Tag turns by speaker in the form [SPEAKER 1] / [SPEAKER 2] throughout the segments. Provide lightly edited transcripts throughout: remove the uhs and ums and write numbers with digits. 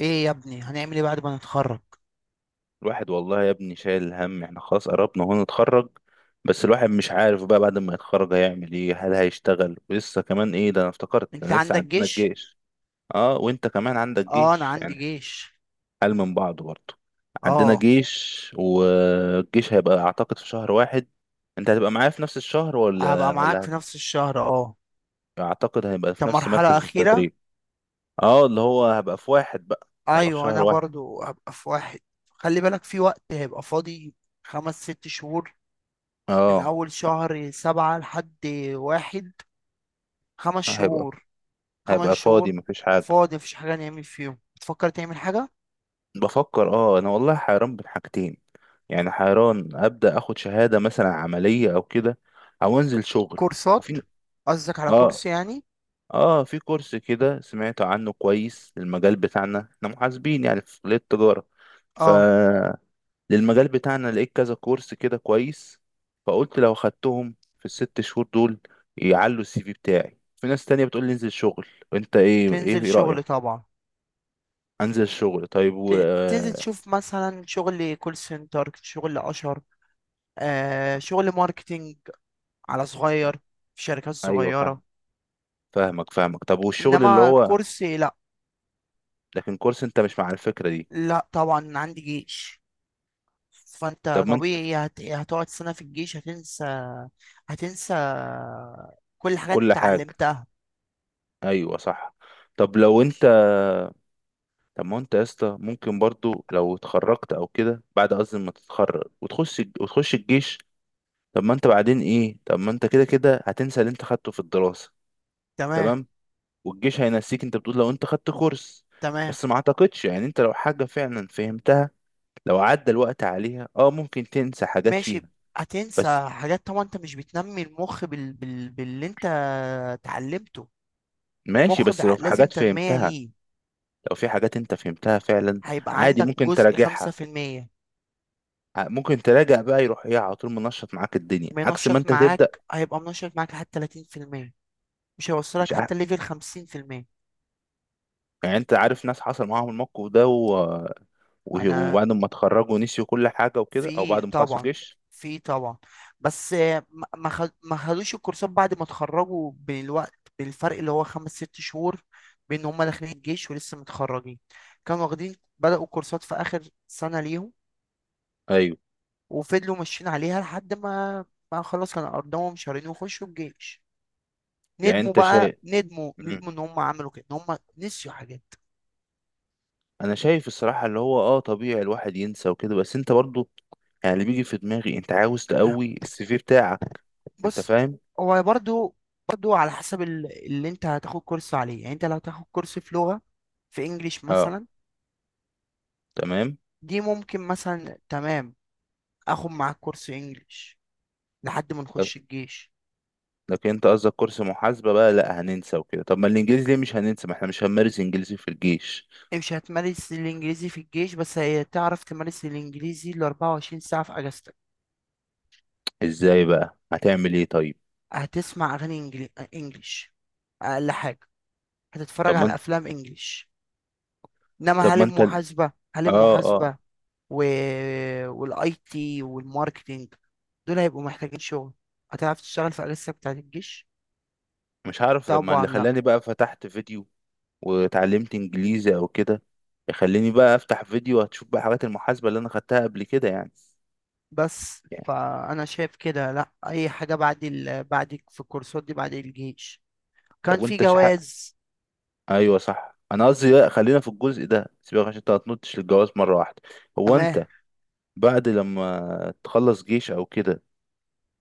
[SPEAKER 1] ايه يا ابني هنعمل ايه بعد ما نتخرج؟
[SPEAKER 2] الواحد والله يا ابني شايل الهم، احنا خلاص قربنا هو نتخرج. بس الواحد مش عارف بقى بعد ما يتخرج هيعمل ايه، هل هيشتغل ولسه كمان ايه، ده انا افتكرت
[SPEAKER 1] انت
[SPEAKER 2] ده لسه
[SPEAKER 1] عندك
[SPEAKER 2] عندنا
[SPEAKER 1] جيش؟
[SPEAKER 2] الجيش. اه وانت كمان عندك
[SPEAKER 1] اه انا
[SPEAKER 2] جيش
[SPEAKER 1] عندي
[SPEAKER 2] يعني،
[SPEAKER 1] جيش.
[SPEAKER 2] حال من بعض برضه. عندنا
[SPEAKER 1] اه
[SPEAKER 2] جيش، والجيش هيبقى اعتقد في شهر واحد. انت هتبقى معايا في نفس الشهر
[SPEAKER 1] هبقى
[SPEAKER 2] ولا
[SPEAKER 1] معاك
[SPEAKER 2] ولا
[SPEAKER 1] في
[SPEAKER 2] هت...
[SPEAKER 1] نفس الشهر اه.
[SPEAKER 2] اعتقد هيبقى في
[SPEAKER 1] انت
[SPEAKER 2] نفس
[SPEAKER 1] مرحلة
[SPEAKER 2] مركز
[SPEAKER 1] اخيرة؟
[SPEAKER 2] التدريب. اه اللي هو هبقى في واحد بقى، هبقى في
[SPEAKER 1] ايوه
[SPEAKER 2] شهر
[SPEAKER 1] انا
[SPEAKER 2] واحد.
[SPEAKER 1] برضو هبقى في واحد. خلي بالك في وقت هيبقى فاضي، خمس ست شهور، من
[SPEAKER 2] اه،
[SPEAKER 1] اول شهر سبعة لحد واحد، خمس
[SPEAKER 2] هيبقى
[SPEAKER 1] شهور، خمس
[SPEAKER 2] فاضي
[SPEAKER 1] شهور.
[SPEAKER 2] مفيش حاجة.
[SPEAKER 1] فاضي مفيش حاجة نعمل فيهم، بتفكر تعمل حاجة؟
[SPEAKER 2] بفكر اه، انا والله حيران بين حاجتين، يعني حيران ابدا اخد شهاده مثلا عمليه او كده، او انزل شغل.
[SPEAKER 1] كورسات.
[SPEAKER 2] وفي
[SPEAKER 1] قصدك على
[SPEAKER 2] اه،
[SPEAKER 1] كورس يعني؟
[SPEAKER 2] اه في كورس كده سمعت عنه كويس للمجال بتاعنا، احنا محاسبين يعني في كليه التجاره.
[SPEAKER 1] اه.
[SPEAKER 2] فللمجال بتاعنا لقيت كذا كورس كده كويس. فقلت لو خدتهم في الست شهور دول يعلوا السي في بتاعي. في ناس تانية بتقول لي انزل شغل. انت ايه
[SPEAKER 1] تنزل
[SPEAKER 2] رأيك؟
[SPEAKER 1] شغل طبعا.
[SPEAKER 2] انزل شغل، طيب. و...
[SPEAKER 1] تنزل
[SPEAKER 2] آه،
[SPEAKER 1] تشوف مثلا شغل كول سنتر، شغل اشهر، شغل ماركتينج، على صغير، في شركات
[SPEAKER 2] ايوه
[SPEAKER 1] صغيرة.
[SPEAKER 2] فاهم. فاهمك طب والشغل اللي
[SPEAKER 1] انما
[SPEAKER 2] هو،
[SPEAKER 1] كورس لا.
[SPEAKER 2] لكن كورس انت مش مع الفكرة دي؟
[SPEAKER 1] لا طبعا عندي جيش. فانت
[SPEAKER 2] طب ما انت
[SPEAKER 1] طبيعي هتقعد سنة في الجيش هتنسى. هتنسى كل حاجة انت
[SPEAKER 2] كل حاجة،
[SPEAKER 1] اتعلمتها.
[SPEAKER 2] ايوه صح. طب لو انت، طب ما انت يا اسطى ممكن برضو لو اتخرجت او كده، بعد قصدي ما تتخرج وتخش الجيش. طب ما انت بعدين ايه، طب ما انت كده كده هتنسى اللي انت خدته في الدراسة.
[SPEAKER 1] تمام.
[SPEAKER 2] تمام. والجيش هينسيك، انت بتقول لو انت خدت كورس.
[SPEAKER 1] تمام.
[SPEAKER 2] بس ما اعتقدش يعني، انت لو حاجة فعلا فهمتها لو عدى الوقت عليها، اه ممكن تنسى حاجات
[SPEAKER 1] ماشي.
[SPEAKER 2] فيها. بس
[SPEAKER 1] هتنسى حاجات طبعا، انت مش بتنمي المخ باللي انت اتعلمته.
[SPEAKER 2] ماشي،
[SPEAKER 1] المخ
[SPEAKER 2] بس لو في
[SPEAKER 1] لازم
[SPEAKER 2] حاجات
[SPEAKER 1] تنمية
[SPEAKER 2] فهمتها،
[SPEAKER 1] ليه،
[SPEAKER 2] لو في حاجات انت فهمتها فعلا
[SPEAKER 1] هيبقى
[SPEAKER 2] عادي
[SPEAKER 1] عندك
[SPEAKER 2] ممكن
[SPEAKER 1] جزء خمسة
[SPEAKER 2] تراجعها.
[SPEAKER 1] في المية.
[SPEAKER 2] ممكن تراجع بقى، يروح ايه على طول منشط معاك الدنيا عكس ما
[SPEAKER 1] منشط
[SPEAKER 2] انت تبدأ.
[SPEAKER 1] معاك، هيبقى منشط معاك لحد تلاتين في المية، مش هيوصلك
[SPEAKER 2] مش ع...
[SPEAKER 1] حتى ليفل خمسين في المية.
[SPEAKER 2] يعني انت عارف ناس حصل معاهم الموقف ده، و... و...
[SPEAKER 1] أنا،
[SPEAKER 2] وبعد ما اتخرجوا نسيوا كل حاجة وكده، او
[SPEAKER 1] في
[SPEAKER 2] بعد ما خلصوا
[SPEAKER 1] طبعا،
[SPEAKER 2] جيش.
[SPEAKER 1] في طبعا، بس ما خدوش الكورسات بعد ما اتخرجوا بالوقت، بالفرق اللي هو خمس ست شهور بين هما داخلين الجيش ولسه متخرجين. كانوا واخدين، بدأوا كورسات في آخر سنة ليهم
[SPEAKER 2] ايوه.
[SPEAKER 1] وفضلوا ماشيين عليها لحد ما، ما خلاص كانوا أرضهم شهرين وخشوا الجيش،
[SPEAKER 2] يعني
[SPEAKER 1] ندموا
[SPEAKER 2] انت
[SPEAKER 1] بقى،
[SPEAKER 2] شايف.
[SPEAKER 1] ندموا ندموا
[SPEAKER 2] مم.
[SPEAKER 1] ان هم عملوا كده، ان هم نسيوا حاجات.
[SPEAKER 2] انا شايف الصراحة اللي هو اه، طبيعي الواحد ينسى وكده. بس انت برضو يعني، اللي بيجي في دماغي انت عاوز تقوي السي في بتاعك، انت
[SPEAKER 1] بص
[SPEAKER 2] فاهم؟
[SPEAKER 1] هو برضو، برضو على حسب اللي انت هتاخد كورس عليه. يعني انت لو هتاخد كورس في لغة، في انجليش
[SPEAKER 2] اه
[SPEAKER 1] مثلا،
[SPEAKER 2] تمام.
[SPEAKER 1] دي ممكن مثلا، تمام، اخد معاك كورس انجليش لحد ما نخش الجيش.
[SPEAKER 2] لكن انت قصدك كورس محاسبة بقى، لا هننسى وكده، طب ما الانجليزي ليه مش هننسى، ما احنا مش هنمارس انجليزي في الجيش.
[SPEAKER 1] مش هتمارس الانجليزي في الجيش، بس هتعرف تمارس الانجليزي ال 24 ساعة في اجازتك.
[SPEAKER 2] ازاي بقى هتعمل ايه طيب؟
[SPEAKER 1] هتسمع انجليش، اقل حاجة، هتتفرج
[SPEAKER 2] طب ما
[SPEAKER 1] على
[SPEAKER 2] انت،
[SPEAKER 1] افلام انجليش. انما
[SPEAKER 2] طب
[SPEAKER 1] هل
[SPEAKER 2] ما انت
[SPEAKER 1] المحاسبة، هل
[SPEAKER 2] اه
[SPEAKER 1] المحاسبة و... والاي تي والماركتينج، دول هيبقوا محتاجين شغل، هتعرف تشتغل في اجازتك بتاعت الجيش؟
[SPEAKER 2] مش عارف. طب ما
[SPEAKER 1] طبعا
[SPEAKER 2] اللي
[SPEAKER 1] لا.
[SPEAKER 2] خلاني بقى فتحت فيديو واتعلمت انجليزي او كده، يخليني بقى افتح فيديو هتشوف بقى حاجات المحاسبة اللي انا خدتها قبل كده يعني.
[SPEAKER 1] بس
[SPEAKER 2] يعني
[SPEAKER 1] فانا شايف كده لا، اي حاجه بعد بعد، في الكورسات دي بعد الجيش. كان
[SPEAKER 2] طب
[SPEAKER 1] في
[SPEAKER 2] وانت شحق،
[SPEAKER 1] جواز.
[SPEAKER 2] ايوه صح. انا قصدي لا، خلينا في الجزء ده سيبك، عشان انت هتنطش للجواز مرة واحدة. هو
[SPEAKER 1] تمام.
[SPEAKER 2] انت بعد لما تخلص جيش او كده،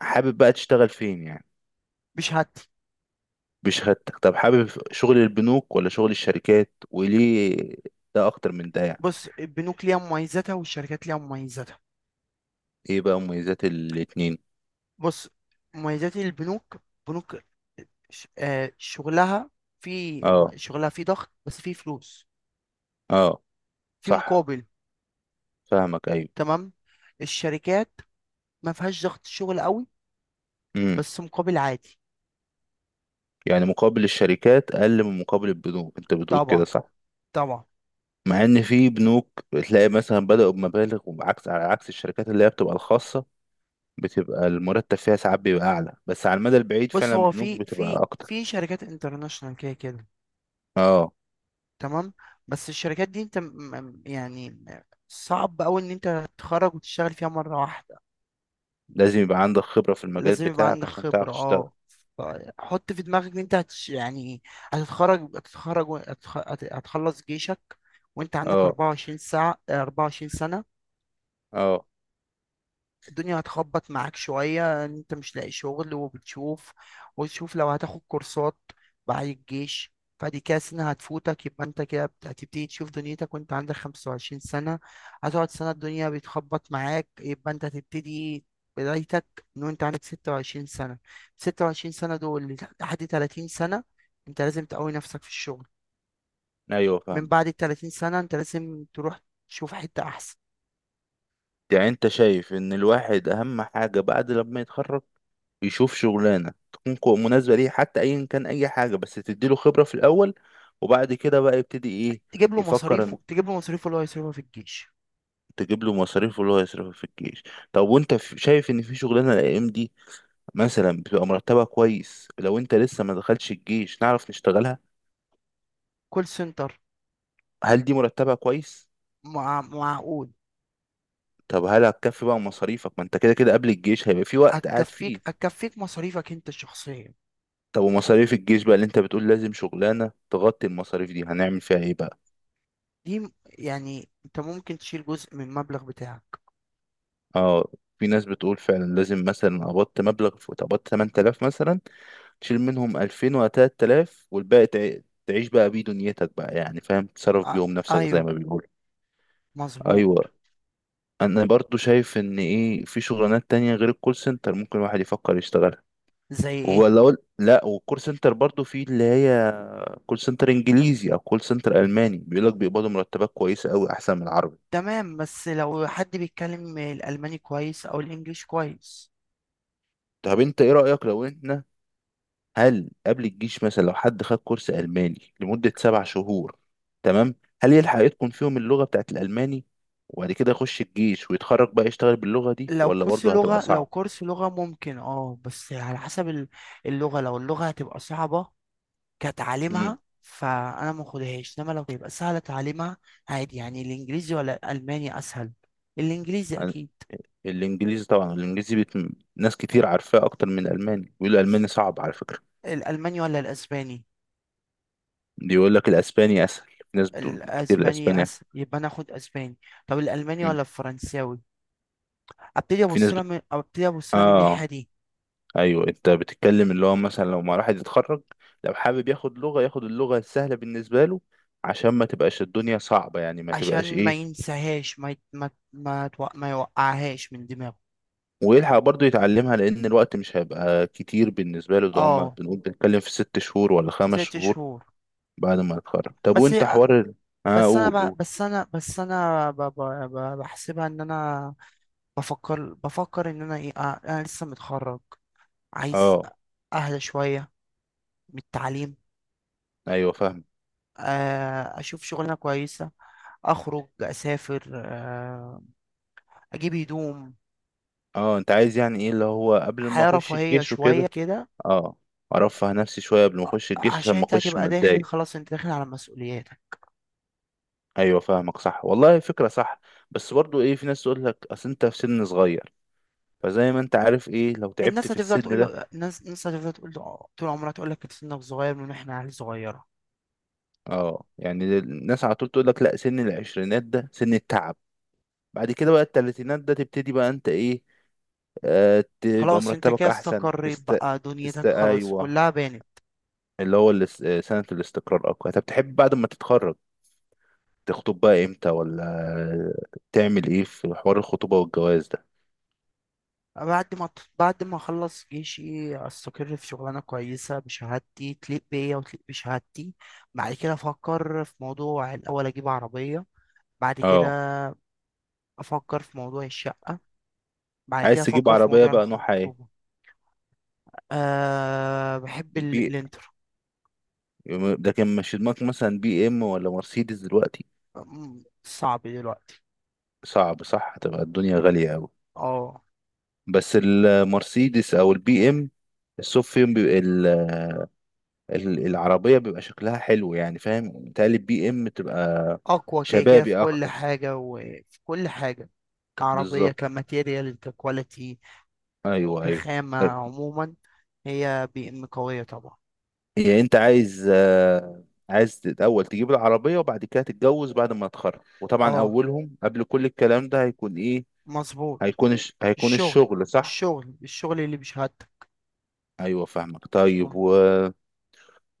[SPEAKER 2] حابب بقى تشتغل فين يعني؟
[SPEAKER 1] بشهادتي.
[SPEAKER 2] بشهادتك، طب حابب شغل البنوك ولا شغل الشركات، وليه ده اكتر من ده يعني؟
[SPEAKER 1] بص، البنوك ليها مميزاتها والشركات ليها مميزاتها.
[SPEAKER 2] ايه بقى مميزات الاتنين؟
[SPEAKER 1] بص، مميزات البنوك، بنوك، شغلها في،
[SPEAKER 2] اه،
[SPEAKER 1] شغلها في ضغط بس في فلوس،
[SPEAKER 2] اه
[SPEAKER 1] في
[SPEAKER 2] صح،
[SPEAKER 1] مقابل.
[SPEAKER 2] فاهمك، ايوه.
[SPEAKER 1] تمام. الشركات ما فيهاش ضغط شغل قوي،
[SPEAKER 2] امم.
[SPEAKER 1] بس مقابل عادي.
[SPEAKER 2] يعني مقابل الشركات اقل من مقابل البنوك، انت بتقول كده
[SPEAKER 1] طبعا،
[SPEAKER 2] صح؟
[SPEAKER 1] طبعا.
[SPEAKER 2] مع ان في بنوك بتلاقي مثلا بدأوا بمبالغ، وعكس على عكس الشركات اللي هي بتبقى الخاصة بتبقى المرتب فيها ساعات بيبقى اعلى، بس على المدى البعيد
[SPEAKER 1] بص
[SPEAKER 2] فعلا
[SPEAKER 1] هو
[SPEAKER 2] البنوك بتبقى اكتر.
[SPEAKER 1] في شركات انترناشونال كده كده،
[SPEAKER 2] اه.
[SPEAKER 1] تمام، بس الشركات دي انت يعني، صعب قوي ان انت تتخرج وتشتغل فيها مرة واحدة.
[SPEAKER 2] لازم يبقى عندك خبرة في المجال
[SPEAKER 1] لازم يبقى
[SPEAKER 2] بتاعك
[SPEAKER 1] عندك
[SPEAKER 2] عشان تعرف
[SPEAKER 1] خبرة
[SPEAKER 2] تشتغل.
[SPEAKER 1] اه. ف- حط في دماغك ان انت هتش يعني، هتتخرج، هتخلص جيشك وانت عندك
[SPEAKER 2] اه،
[SPEAKER 1] 24 ساعة، 24 سنة.
[SPEAKER 2] اه
[SPEAKER 1] الدنيا هتخبط معاك شوية إن انت مش لاقي شغل، وبتشوف وتشوف لو هتاخد كورسات بعد الجيش، فدي كده سنة هتفوتك، يبقى انت كده هتبتدي تشوف دنيتك وانت عندك خمسة وعشرين سنة. هتقعد سنة الدنيا بتخبط معاك، يبقى انت هتبتدي بدايتك من وانت عندك ستة وعشرين سنة. ستة وعشرين سنة دول لحد تلاتين سنة، انت لازم تقوي نفسك في الشغل.
[SPEAKER 2] ايوه
[SPEAKER 1] من
[SPEAKER 2] فاهم.
[SPEAKER 1] بعد التلاتين سنة انت لازم تروح تشوف حتة أحسن.
[SPEAKER 2] يعني انت شايف ان الواحد اهم حاجة بعد لما يتخرج يشوف شغلانة تكون مناسبة ليه، حتى ايا كان اي حاجة بس تديله خبرة في الاول، وبعد كده بقى يبتدي ايه؟
[SPEAKER 1] تجيب له
[SPEAKER 2] يفكر
[SPEAKER 1] مصاريفه،
[SPEAKER 2] ان
[SPEAKER 1] تجيب له مصاريفه اللي هو يصرفها في الجيش.
[SPEAKER 2] تجيب له مصاريف اللي هو يصرفها في الجيش. طب وانت شايف ان في شغلانة الايام دي مثلا بتبقى مرتبها كويس لو انت لسه ما دخلش الجيش نعرف نشتغلها؟
[SPEAKER 1] كول سنتر.
[SPEAKER 2] هل دي مرتبها كويس؟
[SPEAKER 1] معقول.
[SPEAKER 2] طب هل هتكفي بقى مصاريفك؟ ما انت كده كده قبل الجيش هيبقى في وقت قاعد
[SPEAKER 1] هتكفيك،
[SPEAKER 2] فيه.
[SPEAKER 1] هتكفيك مصاريفك انت الشخصية.
[SPEAKER 2] طب ومصاريف الجيش بقى اللي انت بتقول لازم شغلانة تغطي المصاريف دي هنعمل فيها ايه بقى؟
[SPEAKER 1] دي يعني انت ممكن تشيل جزء من المبلغ بتاعك.
[SPEAKER 2] اه. في ناس بتقول فعلا لازم، مثلا قبضت مبلغ، قبضت 8000 مثلا، تشيل منهم 2000 و 3000 والباقي تعيش بقى بيه دنيتك بقى، يعني فاهم تصرف
[SPEAKER 1] آ...
[SPEAKER 2] بيهم نفسك زي
[SPEAKER 1] ايوه،
[SPEAKER 2] ما بيقولوا.
[SPEAKER 1] مظبوط.
[SPEAKER 2] ايوه. انا برضو شايف ان ايه، في شغلانات تانية غير الكول سنتر ممكن الواحد يفكر يشتغلها،
[SPEAKER 1] زي ايه؟
[SPEAKER 2] ولا اقول لا، والكول سنتر برضو في اللي هي كول سنتر انجليزي او كول سنتر الماني بيقول لك بيقبضوا مرتبات كويسة قوي احسن من العربي.
[SPEAKER 1] تمام، بس لو حد بيتكلم الالماني كويس او الانجليش كويس.
[SPEAKER 2] طب انت ايه رأيك لو احنا، هل قبل الجيش مثلا لو حد خد كورس ألماني لمدة سبع شهور، تمام، هل يلحق يتقن فيهم اللغة بتاعت الألماني، وبعد كده يخش الجيش ويتخرج بقى يشتغل باللغة دي،
[SPEAKER 1] لو
[SPEAKER 2] ولا
[SPEAKER 1] كورس
[SPEAKER 2] برضه هتبقى
[SPEAKER 1] لغة، لو
[SPEAKER 2] صعب؟
[SPEAKER 1] كورس لغة ممكن اه، بس على حسب اللغة، لو اللغة هتبقى صعبة
[SPEAKER 2] امم.
[SPEAKER 1] كتعليمها فانا ما اخدهاش، انما لو تبقى سهلة تعليمها عادي. يعني الانجليزي ولا الالماني اسهل؟ الانجليزي اكيد.
[SPEAKER 2] الإنجليزي طبعا، ناس كتير عارفاه أكتر من الألماني، بيقولوا الألماني صعب على فكرة.
[SPEAKER 1] الألماني ولا الأسباني؟
[SPEAKER 2] بيقول لك الأسباني أسهل، في ناس بتقول كتير الأسباني أسهل.
[SPEAKER 1] يبقى أنا آخد أسباني. طب الألماني
[SPEAKER 2] مم.
[SPEAKER 1] ولا الفرنساوي؟ أبتدي
[SPEAKER 2] في
[SPEAKER 1] أبص
[SPEAKER 2] ناس
[SPEAKER 1] لها
[SPEAKER 2] بت...
[SPEAKER 1] من، أبتدي أبص لها من
[SPEAKER 2] آه
[SPEAKER 1] الناحية دي.
[SPEAKER 2] ايوه، انت بتتكلم اللي هو مثلا لو ما الواحد يتخرج، لو حابب ياخد لغة ياخد اللغة السهلة بالنسبة له عشان ما تبقاش الدنيا صعبة، يعني ما تبقاش
[SPEAKER 1] عشان ما
[SPEAKER 2] ايه،
[SPEAKER 1] ينساهاش، ما يت... ما ما, تو... ما يوقعهاش من دماغه.
[SPEAKER 2] ويلحق برضه يتعلمها لان الوقت مش هيبقى كتير بالنسبة له، ده هما
[SPEAKER 1] اه،
[SPEAKER 2] بنقول بنتكلم في ست شهور ولا
[SPEAKER 1] في
[SPEAKER 2] خمس
[SPEAKER 1] ست
[SPEAKER 2] شهور
[SPEAKER 1] شهور.
[SPEAKER 2] بعد ما يتخرج. طب
[SPEAKER 1] بس،
[SPEAKER 2] وانت حوار اه
[SPEAKER 1] بس
[SPEAKER 2] قول
[SPEAKER 1] أنا ب... بس أنا بس أنا ب... ب... ب... بحسبها إن أنا، بفكر إن أنا إيه، أنا لسه متخرج، عايز
[SPEAKER 2] اه
[SPEAKER 1] أهدى شوية من التعليم.
[SPEAKER 2] ايوه فاهم.
[SPEAKER 1] اشوف شغلانه كويسه، اخرج، اسافر، اجيب هدوم،
[SPEAKER 2] اه انت عايز يعني ايه اللي هو قبل ما
[SPEAKER 1] حياه
[SPEAKER 2] اخش
[SPEAKER 1] رفاهيه
[SPEAKER 2] الجيش
[SPEAKER 1] شويه
[SPEAKER 2] وكده.
[SPEAKER 1] كده.
[SPEAKER 2] اه ارفه نفسي شوية قبل ما اخش الجيش عشان
[SPEAKER 1] عشان
[SPEAKER 2] ما
[SPEAKER 1] انت
[SPEAKER 2] اخش
[SPEAKER 1] هتبقى داخل،
[SPEAKER 2] متضايق.
[SPEAKER 1] خلاص انت داخل على مسؤولياتك.
[SPEAKER 2] ايوه فاهمك، صح والله، فكره صح. بس برضو ايه، في ناس تقول لك اصل انت في سن صغير، فزي ما انت عارف ايه لو تعبت
[SPEAKER 1] الناس
[SPEAKER 2] في
[SPEAKER 1] هتفضل
[SPEAKER 2] السن
[SPEAKER 1] تقول له،
[SPEAKER 2] ده.
[SPEAKER 1] الناس هتفضل تقول له طول عمرها، تقول لك سنك صغير من احنا عيال صغيره.
[SPEAKER 2] اه، يعني الناس على طول تقول لك لا سن العشرينات ده سن التعب، بعد كده بقى التلاتينات ده تبتدي بقى انت ايه، آه تبقى
[SPEAKER 1] خلاص انت
[SPEAKER 2] مرتبك
[SPEAKER 1] كده
[SPEAKER 2] احسن،
[SPEAKER 1] استقريت بقى،
[SPEAKER 2] تست
[SPEAKER 1] دنيتك خلاص
[SPEAKER 2] ايوه،
[SPEAKER 1] كلها بانت.
[SPEAKER 2] اللي هو سنه الاستقرار اقوى. طب تحب بعد ما تتخرج تخطب بقى امتى، ولا تعمل ايه في حوار الخطوبه والجواز ده؟
[SPEAKER 1] بعد ما بعد ما اخلص جيشي، استقر في شغلانه كويسه بشهادتي، تليق بيا وتليق بشهادتي. بعد كده افكر في موضوع، الاول اجيب عربيه، بعد كده
[SPEAKER 2] اه.
[SPEAKER 1] افكر في موضوع الشقه، بعد
[SPEAKER 2] عايز
[SPEAKER 1] كده
[SPEAKER 2] تجيب
[SPEAKER 1] افكر في
[SPEAKER 2] عربيه
[SPEAKER 1] موضوع
[SPEAKER 2] بقى نوعها
[SPEAKER 1] الخطوبه. أه بحب
[SPEAKER 2] ايه؟
[SPEAKER 1] الانتر.
[SPEAKER 2] لكن مش في دماغك مثلا بي ام ولا مرسيدس دلوقتي؟
[SPEAKER 1] صعب دلوقتي.
[SPEAKER 2] صعب، صح هتبقى الدنيا غالية قوي.
[SPEAKER 1] اه.
[SPEAKER 2] بس المرسيدس او البي ام الصوف فيهم بيبقى العربية بيبقى شكلها حلو، يعني فاهم، متهيألي البي ام تبقى
[SPEAKER 1] اقوى كده كده في
[SPEAKER 2] شبابي
[SPEAKER 1] كل
[SPEAKER 2] اكتر،
[SPEAKER 1] حاجه وفي كل حاجه. كعربيه،
[SPEAKER 2] بالظبط،
[SPEAKER 1] كماتيريال، ككواليتي،
[SPEAKER 2] ايوه.
[SPEAKER 1] كخامه عموما. هي بي ام قويه طبعا.
[SPEAKER 2] يعني انت عايز عايز الاول تجيب العربية وبعد كده تتجوز بعد ما تتخرج، وطبعا
[SPEAKER 1] اه،
[SPEAKER 2] اولهم قبل كل الكلام ده هيكون ايه،
[SPEAKER 1] مظبوط.
[SPEAKER 2] هيكون
[SPEAKER 1] الشغل،
[SPEAKER 2] الشغل، صح؟
[SPEAKER 1] الشغل، الشغل اللي بشهادتك.
[SPEAKER 2] ايوه فاهمك، طيب.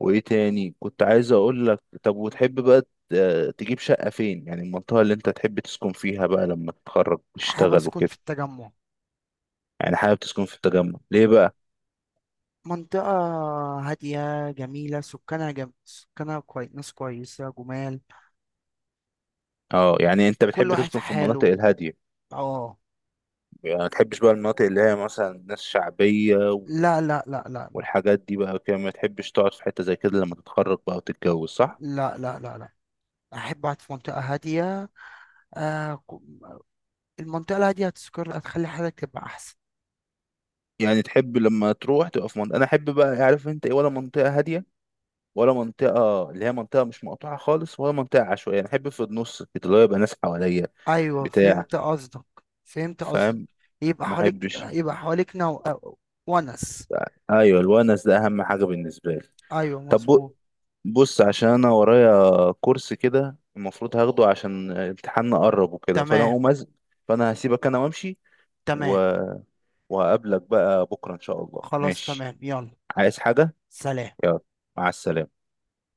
[SPEAKER 2] وايه تاني كنت عايز اقول لك، طب وتحب بقى تجيب شقة فين، يعني المنطقة اللي انت تحب تسكن فيها بقى لما تتخرج
[SPEAKER 1] حابب
[SPEAKER 2] وتشتغل
[SPEAKER 1] اسكن
[SPEAKER 2] وكده؟
[SPEAKER 1] في التجمع.
[SPEAKER 2] يعني حابب تسكن في التجمع ليه بقى؟
[SPEAKER 1] منطقة هادية جميلة، ناس كويسة، جمال.
[SPEAKER 2] اه، يعني انت
[SPEAKER 1] كل
[SPEAKER 2] بتحب
[SPEAKER 1] واحد في
[SPEAKER 2] تسكن في المناطق
[SPEAKER 1] حاله.
[SPEAKER 2] الهادية.
[SPEAKER 1] اه.
[SPEAKER 2] يعني ما تحبش بقى المناطق اللي هي مثلا ناس شعبية
[SPEAKER 1] لا لا لا لا لا.
[SPEAKER 2] والحاجات دي بقى كده، ما تحبش تقعد في حتة زي كده لما تتخرج بقى وتتجوز، صح؟
[SPEAKER 1] لا لا لا لا. أحب أقعد في منطقة هادية. آه... ك- المنطقة الهادية هتسكر، هتخلي حياتك تبقى أحسن.
[SPEAKER 2] يعني تحب لما تروح تبقى في منطقة، انا احب بقى عارف انت ايه، ولا منطقة هادية، ولا منطقة اللي هي منطقة مش مقطوعة خالص، ولا منطقة عشوائية. أنا أحب في النص كده، اللي هو يبقى ناس حواليا،
[SPEAKER 1] أيوة
[SPEAKER 2] بتاع،
[SPEAKER 1] فهمت قصدك. فهمت قصدك.
[SPEAKER 2] فاهم،
[SPEAKER 1] يبقى
[SPEAKER 2] ما
[SPEAKER 1] حواليك،
[SPEAKER 2] أحبش.
[SPEAKER 1] يبقى حواليك نو... آه، ونس.
[SPEAKER 2] أيوة، الونس ده أهم حاجة بالنسبة لي.
[SPEAKER 1] أيوة
[SPEAKER 2] طب
[SPEAKER 1] مظبوط.
[SPEAKER 2] بص عشان أنا ورايا كورس كده المفروض هاخده، عشان امتحاننا قرب وكده،
[SPEAKER 1] تمام.
[SPEAKER 2] فأنا هسيبك أنا وأمشي، و...
[SPEAKER 1] تمام.
[SPEAKER 2] وهقابلك بقى بكرة إن شاء الله،
[SPEAKER 1] خلاص
[SPEAKER 2] ماشي؟
[SPEAKER 1] تمام، يلا.
[SPEAKER 2] عايز حاجة؟
[SPEAKER 1] سلام.
[SPEAKER 2] يلا، مع السلامة.